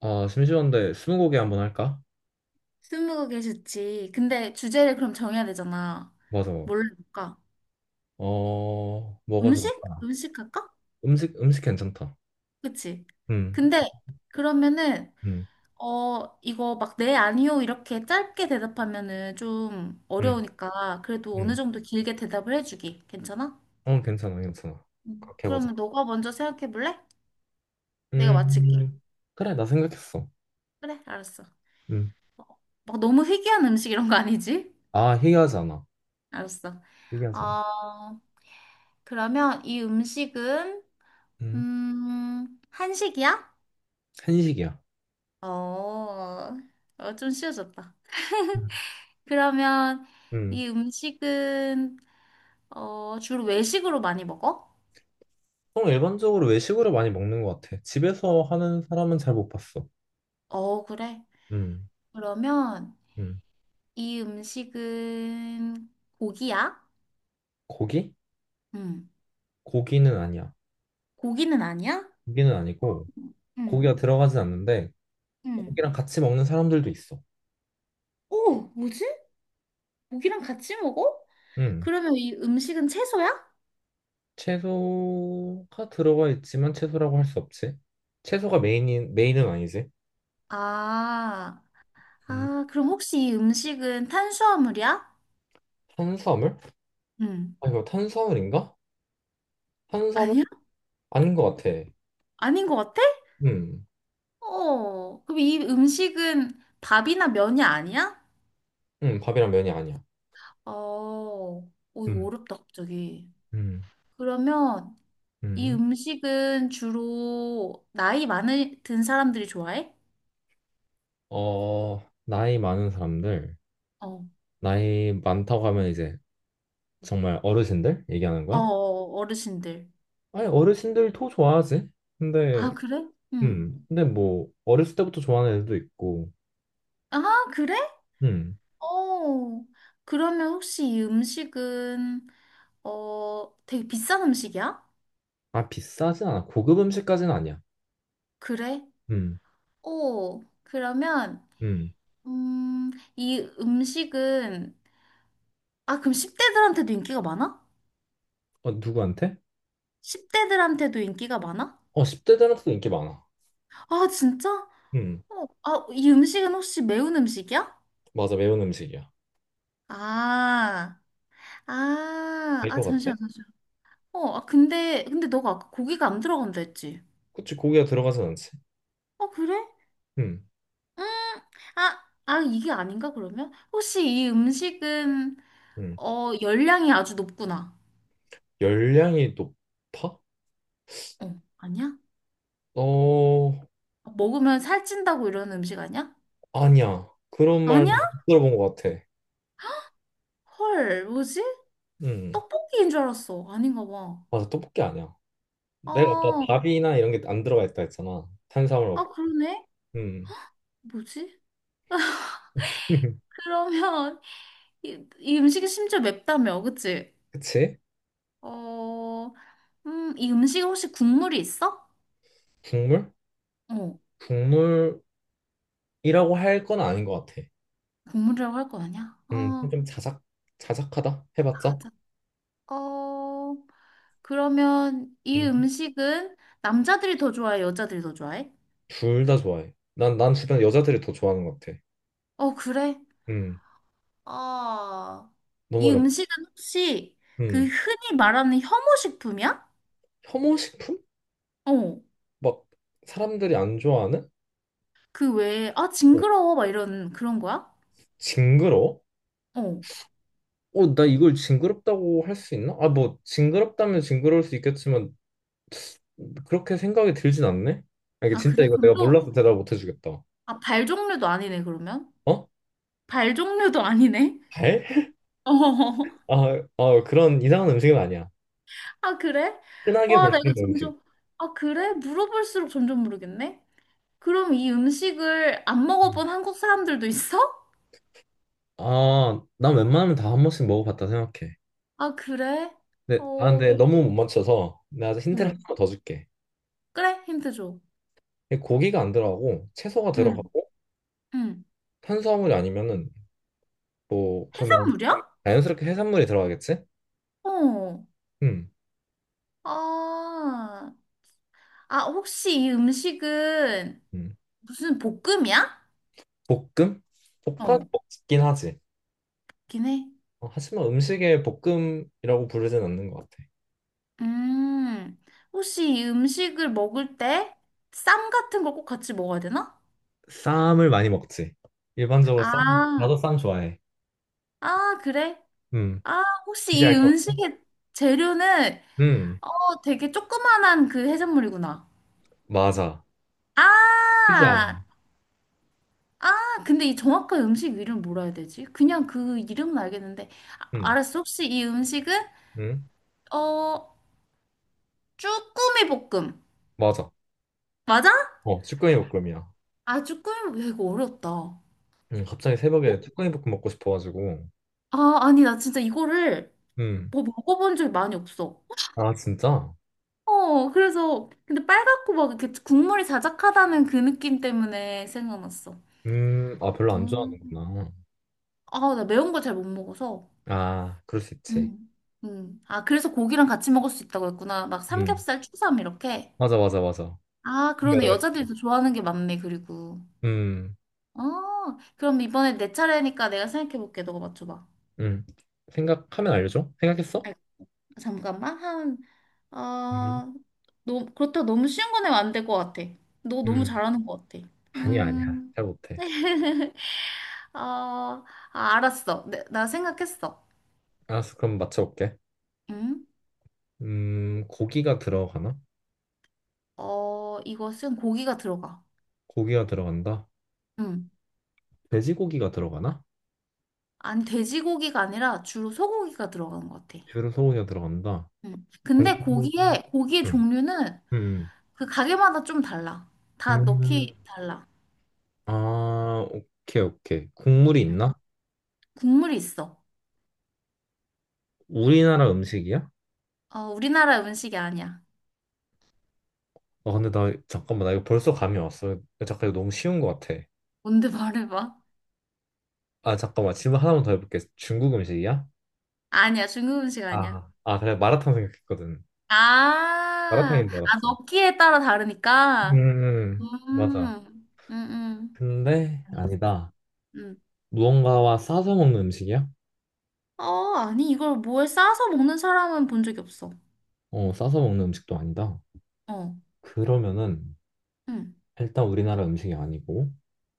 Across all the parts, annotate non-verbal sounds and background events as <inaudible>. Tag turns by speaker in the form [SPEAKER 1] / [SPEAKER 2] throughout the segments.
[SPEAKER 1] 아, 심심한데 스무고개 한번 할까?
[SPEAKER 2] 스무고개 좋지. 근데 주제를 그럼 정해야 되잖아.
[SPEAKER 1] 맞아.
[SPEAKER 2] 뭘로 할까?
[SPEAKER 1] 뭐가
[SPEAKER 2] 음식?
[SPEAKER 1] 좋을까?
[SPEAKER 2] 음식 할까?
[SPEAKER 1] 음식, 음식 괜찮다.
[SPEAKER 2] 그치?
[SPEAKER 1] 음,
[SPEAKER 2] 근데 그러면은
[SPEAKER 1] 음,
[SPEAKER 2] 이거 막 네, 아니요 이렇게 짧게 대답하면은 좀
[SPEAKER 1] 음,
[SPEAKER 2] 어려우니까 그래도 어느
[SPEAKER 1] 음.
[SPEAKER 2] 정도 길게 대답을 해주기. 괜찮아?
[SPEAKER 1] 어, 괜찮아, 괜찮아.
[SPEAKER 2] 응.
[SPEAKER 1] 그렇게 해보자.
[SPEAKER 2] 그러면 너가 먼저 생각해 볼래? 내가 맞힐게.
[SPEAKER 1] 음, 그래, 나 생각했어.
[SPEAKER 2] 그래, 알았어.
[SPEAKER 1] 음.
[SPEAKER 2] 막 너무 희귀한 음식 이런 거 아니지?
[SPEAKER 1] 아, 희귀하지 않아.
[SPEAKER 2] 알았어.
[SPEAKER 1] 희귀하지 않아.
[SPEAKER 2] 어, 그러면 이 음식은
[SPEAKER 1] 음,
[SPEAKER 2] 한식이야?
[SPEAKER 1] 한식이야.
[SPEAKER 2] 어, 어, 좀 쉬워졌다.
[SPEAKER 1] 음.
[SPEAKER 2] 그러면
[SPEAKER 1] 음.
[SPEAKER 2] 이 음식은 어, 주로 외식으로 많이 먹어?
[SPEAKER 1] 보통 일반적으로 외식으로 많이 먹는 것 같아. 집에서 하는 사람은 잘 못 봤어.
[SPEAKER 2] 어, 그래.
[SPEAKER 1] 음,
[SPEAKER 2] 그러면
[SPEAKER 1] 음.
[SPEAKER 2] 이 음식은 고기야?
[SPEAKER 1] 고기?
[SPEAKER 2] 응.
[SPEAKER 1] 고기는 아니야.
[SPEAKER 2] 고기는 아니야?
[SPEAKER 1] 고기는 아니고,
[SPEAKER 2] 응.
[SPEAKER 1] 고기가 들어가진 않는데,
[SPEAKER 2] 응.
[SPEAKER 1] 고기랑 같이 먹는 사람들도 있어.
[SPEAKER 2] 오, 뭐지? 고기랑 같이 먹어?
[SPEAKER 1] 음,
[SPEAKER 2] 그러면 이 음식은 채소야?
[SPEAKER 1] 채소가 들어가 있지만 채소라고 할 수 없지. 채소가 메인인 메인은 아니지.
[SPEAKER 2] 아,
[SPEAKER 1] 음,
[SPEAKER 2] 아, 그럼 혹시 이 음식은 탄수화물이야?
[SPEAKER 1] 탄수화물?
[SPEAKER 2] 응.
[SPEAKER 1] 아 이거 탄수화물인가? 탄수화물?
[SPEAKER 2] 아니야?
[SPEAKER 1] 아닌 것 같아.
[SPEAKER 2] 아닌 것 같아?
[SPEAKER 1] 음,
[SPEAKER 2] 어, 그럼 이 음식은 밥이나 면이 아니야?
[SPEAKER 1] 밥이랑 면이 아니야.
[SPEAKER 2] 어, 오, 이거
[SPEAKER 1] 음,
[SPEAKER 2] 어렵다, 갑자기.
[SPEAKER 1] 음,
[SPEAKER 2] 그러면 이
[SPEAKER 1] 음.
[SPEAKER 2] 음식은 주로 나이 많은 든 사람들이 좋아해?
[SPEAKER 1] 어, 나이 많은 사람들,
[SPEAKER 2] 어,
[SPEAKER 1] 나이 많다고 하면 이제 정말 어르신들 얘기하는
[SPEAKER 2] 어,
[SPEAKER 1] 거야?
[SPEAKER 2] 어, 어르신들.
[SPEAKER 1] 아니 어르신들도 좋아하지. 근데,
[SPEAKER 2] 아, 그래? 응.
[SPEAKER 1] 근데 어렸을 때부터 좋아하는 애들도 있고,
[SPEAKER 2] 아, 그래?
[SPEAKER 1] 음,
[SPEAKER 2] 어, 그러면 혹시 이 음식은, 어, 되게 비싼 음식이야?
[SPEAKER 1] 아 비싸진 않아. 고급 음식까지는 아니야.
[SPEAKER 2] 그래?
[SPEAKER 1] 음,
[SPEAKER 2] 어, 그러면,
[SPEAKER 1] 음.
[SPEAKER 2] 음, 이 음식은 아, 그럼 10대들한테도 인기가 많아?
[SPEAKER 1] 어, 누구한테?
[SPEAKER 2] 10대들한테도 인기가 많아?
[SPEAKER 1] 어, 10대 들한테도 인기 많아.
[SPEAKER 2] 아, 진짜?
[SPEAKER 1] 음,
[SPEAKER 2] 어, 아, 이 음식은 혹시 매운 음식이야?
[SPEAKER 1] 맞아, 매운 음식이야.
[SPEAKER 2] 아, 아,
[SPEAKER 1] 될
[SPEAKER 2] 아,
[SPEAKER 1] 것 같아?
[SPEAKER 2] 잠시만, 잠시만. 어, 아, 근데 너가 아까 고기가 안 들어간다 했지?
[SPEAKER 1] 그치, 고기가 들어가진 않지.
[SPEAKER 2] 어, 그래?
[SPEAKER 1] 음,
[SPEAKER 2] 음, 아, 아, 이게 아닌가, 그러면? 혹시 이 음식은,
[SPEAKER 1] 음.
[SPEAKER 2] 어, 열량이 아주 높구나.
[SPEAKER 1] 열량이 높아?
[SPEAKER 2] 어, 아니야?
[SPEAKER 1] 어,
[SPEAKER 2] 먹으면 살찐다고 이러는 음식 아니야?
[SPEAKER 1] 아니야. 그런 말
[SPEAKER 2] 아니야?
[SPEAKER 1] 들어본 것 같아.
[SPEAKER 2] 헐, 뭐지?
[SPEAKER 1] 음,
[SPEAKER 2] 떡볶이인 줄 알았어. 아닌가 봐.
[SPEAKER 1] 맞아, 떡볶이 아니야. 내가 아까
[SPEAKER 2] 아,
[SPEAKER 1] 밥이나 이런 게 안 들어가 있다 했잖아. 탄수화물
[SPEAKER 2] 아,
[SPEAKER 1] 없고.
[SPEAKER 2] 그러네?
[SPEAKER 1] 음,
[SPEAKER 2] 뭐지?
[SPEAKER 1] <laughs>
[SPEAKER 2] 그러면 <laughs> 이, 이 음식이 심지어 맵다며, 그치?
[SPEAKER 1] 그치?
[SPEAKER 2] 어, 이 음식에 혹시 국물이 있어?
[SPEAKER 1] 국물?
[SPEAKER 2] 어,
[SPEAKER 1] 국물이라고 할 건 아닌 것 같아.
[SPEAKER 2] 국물이라고 할 거 아니야? 어,
[SPEAKER 1] 좀 자작, 자작하다? 해봤자?
[SPEAKER 2] 맞아. 어, 그러면 이 음식은 남자들이 더 좋아해, 여자들이 더 좋아해?
[SPEAKER 1] 둘 다 좋아해. 난 주변 여자들이 더 좋아하는 것 같아.
[SPEAKER 2] 어, 그래?
[SPEAKER 1] 음,
[SPEAKER 2] 아,
[SPEAKER 1] 너무
[SPEAKER 2] 이
[SPEAKER 1] 어렵.
[SPEAKER 2] 음식은 혹시
[SPEAKER 1] 음,
[SPEAKER 2] 그 흔히 말하는 혐오식품이야?
[SPEAKER 1] 혐오식품?
[SPEAKER 2] 어,
[SPEAKER 1] 막 사람들이 안 좋아하는?
[SPEAKER 2] 그 외에, 아,
[SPEAKER 1] 어,
[SPEAKER 2] 징그러워, 막 이런 그런 거야?
[SPEAKER 1] 징그러워?
[SPEAKER 2] 어.
[SPEAKER 1] 어, 나 이걸 징그럽다고 할 수 있나? 아, 뭐 징그럽다면 징그러울 수 있겠지만 그렇게 생각이 들진 않네. 아, 이게
[SPEAKER 2] 아,
[SPEAKER 1] 진짜
[SPEAKER 2] 그래?
[SPEAKER 1] 이거
[SPEAKER 2] 그럼
[SPEAKER 1] 내가
[SPEAKER 2] 또
[SPEAKER 1] 몰라서 대답 못 해주겠다.
[SPEAKER 2] 아, 발 종류도 아니네, 그러면?
[SPEAKER 1] 어?
[SPEAKER 2] 발 종류도 아니네?
[SPEAKER 1] 발? <laughs>
[SPEAKER 2] <laughs> 어,
[SPEAKER 1] 아, 아, 그런 이상한 음식은 아니야.
[SPEAKER 2] 아, 그래?
[SPEAKER 1] 흔하게
[SPEAKER 2] 와,
[SPEAKER 1] 볼
[SPEAKER 2] 나
[SPEAKER 1] 수
[SPEAKER 2] 이거
[SPEAKER 1] 있는 음식.
[SPEAKER 2] 점점, 아, 그래? 물어볼수록 점점 모르겠네? 그럼 이 음식을 안
[SPEAKER 1] 음.
[SPEAKER 2] 먹어본 한국 사람들도 있어?
[SPEAKER 1] 아, 난 웬만하면 다 한 번씩 먹어봤다 생각해.
[SPEAKER 2] 아, 그래?
[SPEAKER 1] 근데, 아,
[SPEAKER 2] 어, 어,
[SPEAKER 1] 근데 너무 못 맞춰서 내가 힌트를 하나 더 줄게.
[SPEAKER 2] 그래? 힌트 줘.
[SPEAKER 1] 근데 고기가 안 들어가고 채소가
[SPEAKER 2] 응,
[SPEAKER 1] 들어가고
[SPEAKER 2] 응.
[SPEAKER 1] 탄수화물이 아니면은 뭐 그러면
[SPEAKER 2] 해산물이야?
[SPEAKER 1] 자연스럽게 해산물이 들어가겠지?
[SPEAKER 2] 어,
[SPEAKER 1] 음,
[SPEAKER 2] 아, 아, 혹시 이 음식은
[SPEAKER 1] 음.
[SPEAKER 2] 무슨 볶음이야?
[SPEAKER 1] 볶음? 볶아
[SPEAKER 2] 어,
[SPEAKER 1] 먹긴 하지.
[SPEAKER 2] 긴 해.
[SPEAKER 1] 어, 하지만 음식에 볶음이라고 부르진 않는 것 같아.
[SPEAKER 2] 음, 혹시 이 음식을 먹을 때 쌈 같은 거 꼭 같이 먹어야 되나?
[SPEAKER 1] 쌈을 많이 먹지. 일반적으로 쌈,
[SPEAKER 2] 아,
[SPEAKER 1] 나도 쌈 좋아해.
[SPEAKER 2] 아, 그래?
[SPEAKER 1] 음.
[SPEAKER 2] 아,
[SPEAKER 1] 이제
[SPEAKER 2] 혹시 이
[SPEAKER 1] 알 것 같아.
[SPEAKER 2] 음식의 재료는
[SPEAKER 1] 음,
[SPEAKER 2] 어, 되게 조그만한 그 해산물이구나.
[SPEAKER 1] 맞아.
[SPEAKER 2] 아,
[SPEAKER 1] 크지 않아.
[SPEAKER 2] 아, 근데 이 정확한 음식 이름 뭐라 해야 되지? 그냥 그 이름은 알겠는데.
[SPEAKER 1] 음,
[SPEAKER 2] 아, 알았어. 혹시 이 음식은
[SPEAKER 1] 음,
[SPEAKER 2] 어, 쭈꾸미 볶음.
[SPEAKER 1] 맞아.
[SPEAKER 2] 맞아?
[SPEAKER 1] 어, 쭈꾸미 볶음이야.
[SPEAKER 2] 아, 쭈꾸미 볶음. 야, 이거 어렵다. 어,
[SPEAKER 1] 갑자기 새벽에 쭈꾸미 볶음 먹고 싶어가지고.
[SPEAKER 2] 아, 아니, 나 진짜 이거를
[SPEAKER 1] 음.
[SPEAKER 2] 뭐 먹어본 적 많이 없어.
[SPEAKER 1] 아, 진짜?
[SPEAKER 2] 어, 그래서 근데 빨갛고 막 이렇게 국물이 자작하다는 그 느낌 때문에 생각났어.
[SPEAKER 1] 아, 별로 안
[SPEAKER 2] 음.
[SPEAKER 1] 좋아하는구나.
[SPEAKER 2] 아, 나 매운 거 잘 못 먹어서.
[SPEAKER 1] 아, 그럴 수 있지.
[SPEAKER 2] 음. 음. 아, 그래서 고기랑 같이 먹을 수 있다고 했구나. 막
[SPEAKER 1] 음,
[SPEAKER 2] 삼겹살, 추삼 이렇게.
[SPEAKER 1] 맞아, 맞아, 맞아.
[SPEAKER 2] 아, 그러네.
[SPEAKER 1] 생각을
[SPEAKER 2] 여자들이 더 좋아하는 게 많네, 그리고.
[SPEAKER 1] 해.
[SPEAKER 2] 어, 그럼 이번에 내 차례니까 내가 생각해볼게. 너가 맞춰봐.
[SPEAKER 1] 음. 생각하면 알려줘? 생각했어?
[SPEAKER 2] 아, 잠깐만. 한,
[SPEAKER 1] 음,
[SPEAKER 2] 아, 너, 그렇다. 고 너무 쉬운 건 내면 안 될 것 같아. 너 너무
[SPEAKER 1] 음.
[SPEAKER 2] 잘하는 것 같아.
[SPEAKER 1] 아니야, 아니야.
[SPEAKER 2] 음.
[SPEAKER 1] 잘 못해.
[SPEAKER 2] <laughs> 어, 아, 알았어. 나 생각했어.
[SPEAKER 1] 알았어, 그럼 맞춰볼게.
[SPEAKER 2] 응?
[SPEAKER 1] 고기가 들어가나?
[SPEAKER 2] 어, 이것은 고기가 들어가.
[SPEAKER 1] 고기가 들어간다.
[SPEAKER 2] 응.
[SPEAKER 1] 돼지고기가 들어가나?
[SPEAKER 2] 아니, 돼지고기가 아니라 주로 소고기가 들어가는 것 같아.
[SPEAKER 1] 주로 소고기가 들어간다.
[SPEAKER 2] 응. 근데
[SPEAKER 1] 국물,
[SPEAKER 2] 고기의
[SPEAKER 1] 음,
[SPEAKER 2] 종류는
[SPEAKER 1] 음,
[SPEAKER 2] 그 가게마다 좀 달라. 다
[SPEAKER 1] 음.
[SPEAKER 2] 넣기 달라.
[SPEAKER 1] 아, 오케이, 오케이. 국물이
[SPEAKER 2] 응.
[SPEAKER 1] 있나?
[SPEAKER 2] 국물이 있어.
[SPEAKER 1] 우리나라 음식이야?
[SPEAKER 2] 어, 우리나라 음식이 아니야.
[SPEAKER 1] 아, 잠깐만, 나 이거 벌써 감이 왔어. 잠깐, 이거 너무 쉬운 것 같아.
[SPEAKER 2] 뭔데 <laughs> 말해봐.
[SPEAKER 1] 아, 잠깐만. 질문 하나만 더 해볼게. 중국 음식이야?
[SPEAKER 2] 아니야, 중국 음식 아니야.
[SPEAKER 1] 아, 아, 그래. 마라탕 생각했거든.
[SPEAKER 2] 아,
[SPEAKER 1] 마라탕인 줄
[SPEAKER 2] 아,
[SPEAKER 1] 알았어.
[SPEAKER 2] 넣기에 따라 다르니까.
[SPEAKER 1] 맞아.
[SPEAKER 2] 음, 음, 음.
[SPEAKER 1] 근데
[SPEAKER 2] 알겠어.
[SPEAKER 1] 아니다.
[SPEAKER 2] 음.
[SPEAKER 1] 무언가와 싸서 먹는 음식이야?
[SPEAKER 2] 어, 아니, 이걸 뭐에 싸서 먹는 사람은 본 적이 없어.
[SPEAKER 1] 어, 싸서 먹는 음식도 아니다.
[SPEAKER 2] 어,
[SPEAKER 1] 그러면은
[SPEAKER 2] 응,
[SPEAKER 1] 일단 우리나라 음식이 아니고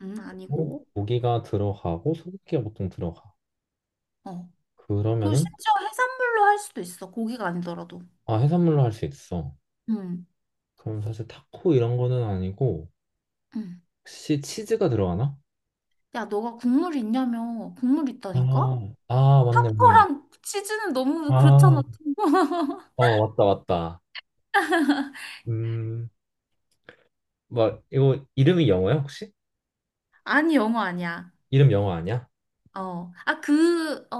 [SPEAKER 2] 응,
[SPEAKER 1] 어?
[SPEAKER 2] 아니고.
[SPEAKER 1] 고기가 들어가고 소고기가 보통 들어가.
[SPEAKER 2] 어. 그리고
[SPEAKER 1] 그러면은
[SPEAKER 2] 심지어 해산물로 할 수도 있어. 고기가 아니더라도.
[SPEAKER 1] 아, 해산물로 할 수 있어.
[SPEAKER 2] 응,
[SPEAKER 1] 그럼 사실 타코 이런 거는 아니고
[SPEAKER 2] 응.
[SPEAKER 1] 혹시 치즈가 들어가나?
[SPEAKER 2] 야, 너가 국물 있냐며. 국물
[SPEAKER 1] 아,
[SPEAKER 2] 있다니까?
[SPEAKER 1] 아, 맞네, 맞네.
[SPEAKER 2] 타코랑 치즈는 너무 그렇잖아.
[SPEAKER 1] 아,
[SPEAKER 2] <laughs>
[SPEAKER 1] 어, 맞다, 맞다. 음, 뭐 이거 이름이 영어야 혹시?
[SPEAKER 2] 아니, 영어 아니야.
[SPEAKER 1] 이름 영어 아니야?
[SPEAKER 2] 어. 아, 그, 어,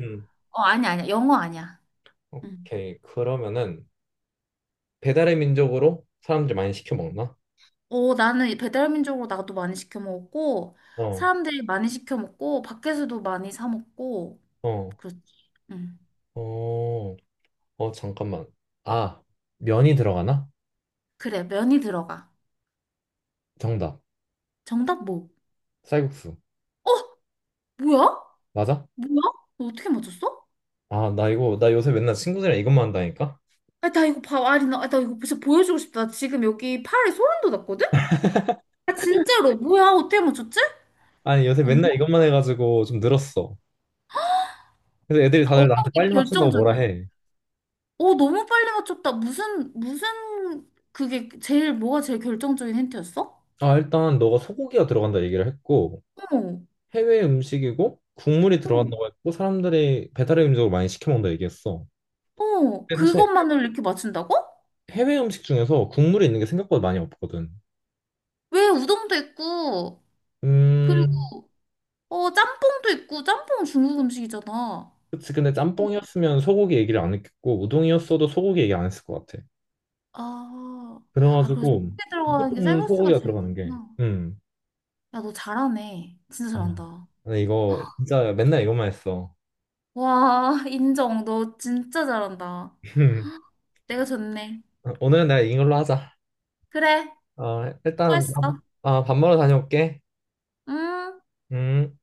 [SPEAKER 1] 음.
[SPEAKER 2] 어, 아니, 아니야. 영어 아니야. 응.
[SPEAKER 1] 오케이 그러면은 배달의 민족으로 사람들 많이 시켜 먹나?
[SPEAKER 2] 어, 나는 배달민족으로 나도 많이 시켜 먹었고,
[SPEAKER 1] 어,
[SPEAKER 2] 사람들이 많이 시켜 먹고, 밖에서도 많이 사 먹고,
[SPEAKER 1] 어,
[SPEAKER 2] 그렇지. 응.
[SPEAKER 1] 어, 어 잠깐만. 아 면이 들어가나?
[SPEAKER 2] 그래, 면이 들어가.
[SPEAKER 1] 정답.
[SPEAKER 2] 정답 뭐?
[SPEAKER 1] 쌀국수
[SPEAKER 2] 어? 뭐야?
[SPEAKER 1] 맞아?
[SPEAKER 2] 뭐야? 너 어떻게 맞췄어?
[SPEAKER 1] 아 나 이거 나 요새 맨날 친구들이랑 이것만 한다니까?
[SPEAKER 2] 아, 나 이거 봐, 아리나. 아, 나 이거 진짜 보여주고 싶다. 나 지금 여기 팔에 소름 돋았거든? 아, 진짜로. 뭐야? 어떻게 맞췄지?
[SPEAKER 1] 아니 요새 맨날
[SPEAKER 2] 뭐-
[SPEAKER 1] 이것만 해가지고 좀 늘었어. 그래서 애들이 다들 나한테
[SPEAKER 2] 어떻게
[SPEAKER 1] 빨리 맞춘다고 뭐라
[SPEAKER 2] 결정적이었어?
[SPEAKER 1] 해.
[SPEAKER 2] 어, 너무 빨리 맞췄다. 무슨, 무슨, 그게 제일, 뭐가 제일 결정적인 힌트였어?
[SPEAKER 1] 아 일단 너가 소고기가 들어간다 얘기를 했고
[SPEAKER 2] 어,
[SPEAKER 1] 해외 음식이고 국물이
[SPEAKER 2] 어,
[SPEAKER 1] 들어간다고 했고 사람들이 배달의 음식으로 많이 시켜 먹는다 얘기했어.
[SPEAKER 2] 어.
[SPEAKER 1] 근데 사실
[SPEAKER 2] 그것만을 이렇게 맞춘다고?
[SPEAKER 1] 해외 음식 중에서 국물이 있는 게 생각보다 많이 없거든.
[SPEAKER 2] 왜 우동도 있고, 그리고,
[SPEAKER 1] 음,
[SPEAKER 2] 어, 짬뽕도 있고, 짬뽕은 중국 음식이잖아.
[SPEAKER 1] 그치. 근데 짬뽕이었으면 소고기 얘기를 안 했겠고 우동이었어도 소고기 얘기 안 했을 것 같아.
[SPEAKER 2] 아, 아, 그리고 속에
[SPEAKER 1] 그래가지고
[SPEAKER 2] 들어가는 게
[SPEAKER 1] 무조건
[SPEAKER 2] 쌀국수가
[SPEAKER 1] 소고기가
[SPEAKER 2] 제일
[SPEAKER 1] 들어가는 게.
[SPEAKER 2] 좋구나.
[SPEAKER 1] 음.
[SPEAKER 2] 야, 너 잘하네. 진짜
[SPEAKER 1] 아,
[SPEAKER 2] 잘한다.
[SPEAKER 1] 근데 이거 진짜 맨날 이것만 했어.
[SPEAKER 2] 와, <laughs> 인정. 너 진짜 잘한다.
[SPEAKER 1] <laughs>
[SPEAKER 2] 내가 졌네.
[SPEAKER 1] 오늘은 내가 이걸로 하자.
[SPEAKER 2] 그래,
[SPEAKER 1] 아, 일단 밥,
[SPEAKER 2] 수고했어.
[SPEAKER 1] 아, 밥 먹으러 다녀올게.
[SPEAKER 2] 응?
[SPEAKER 1] 음.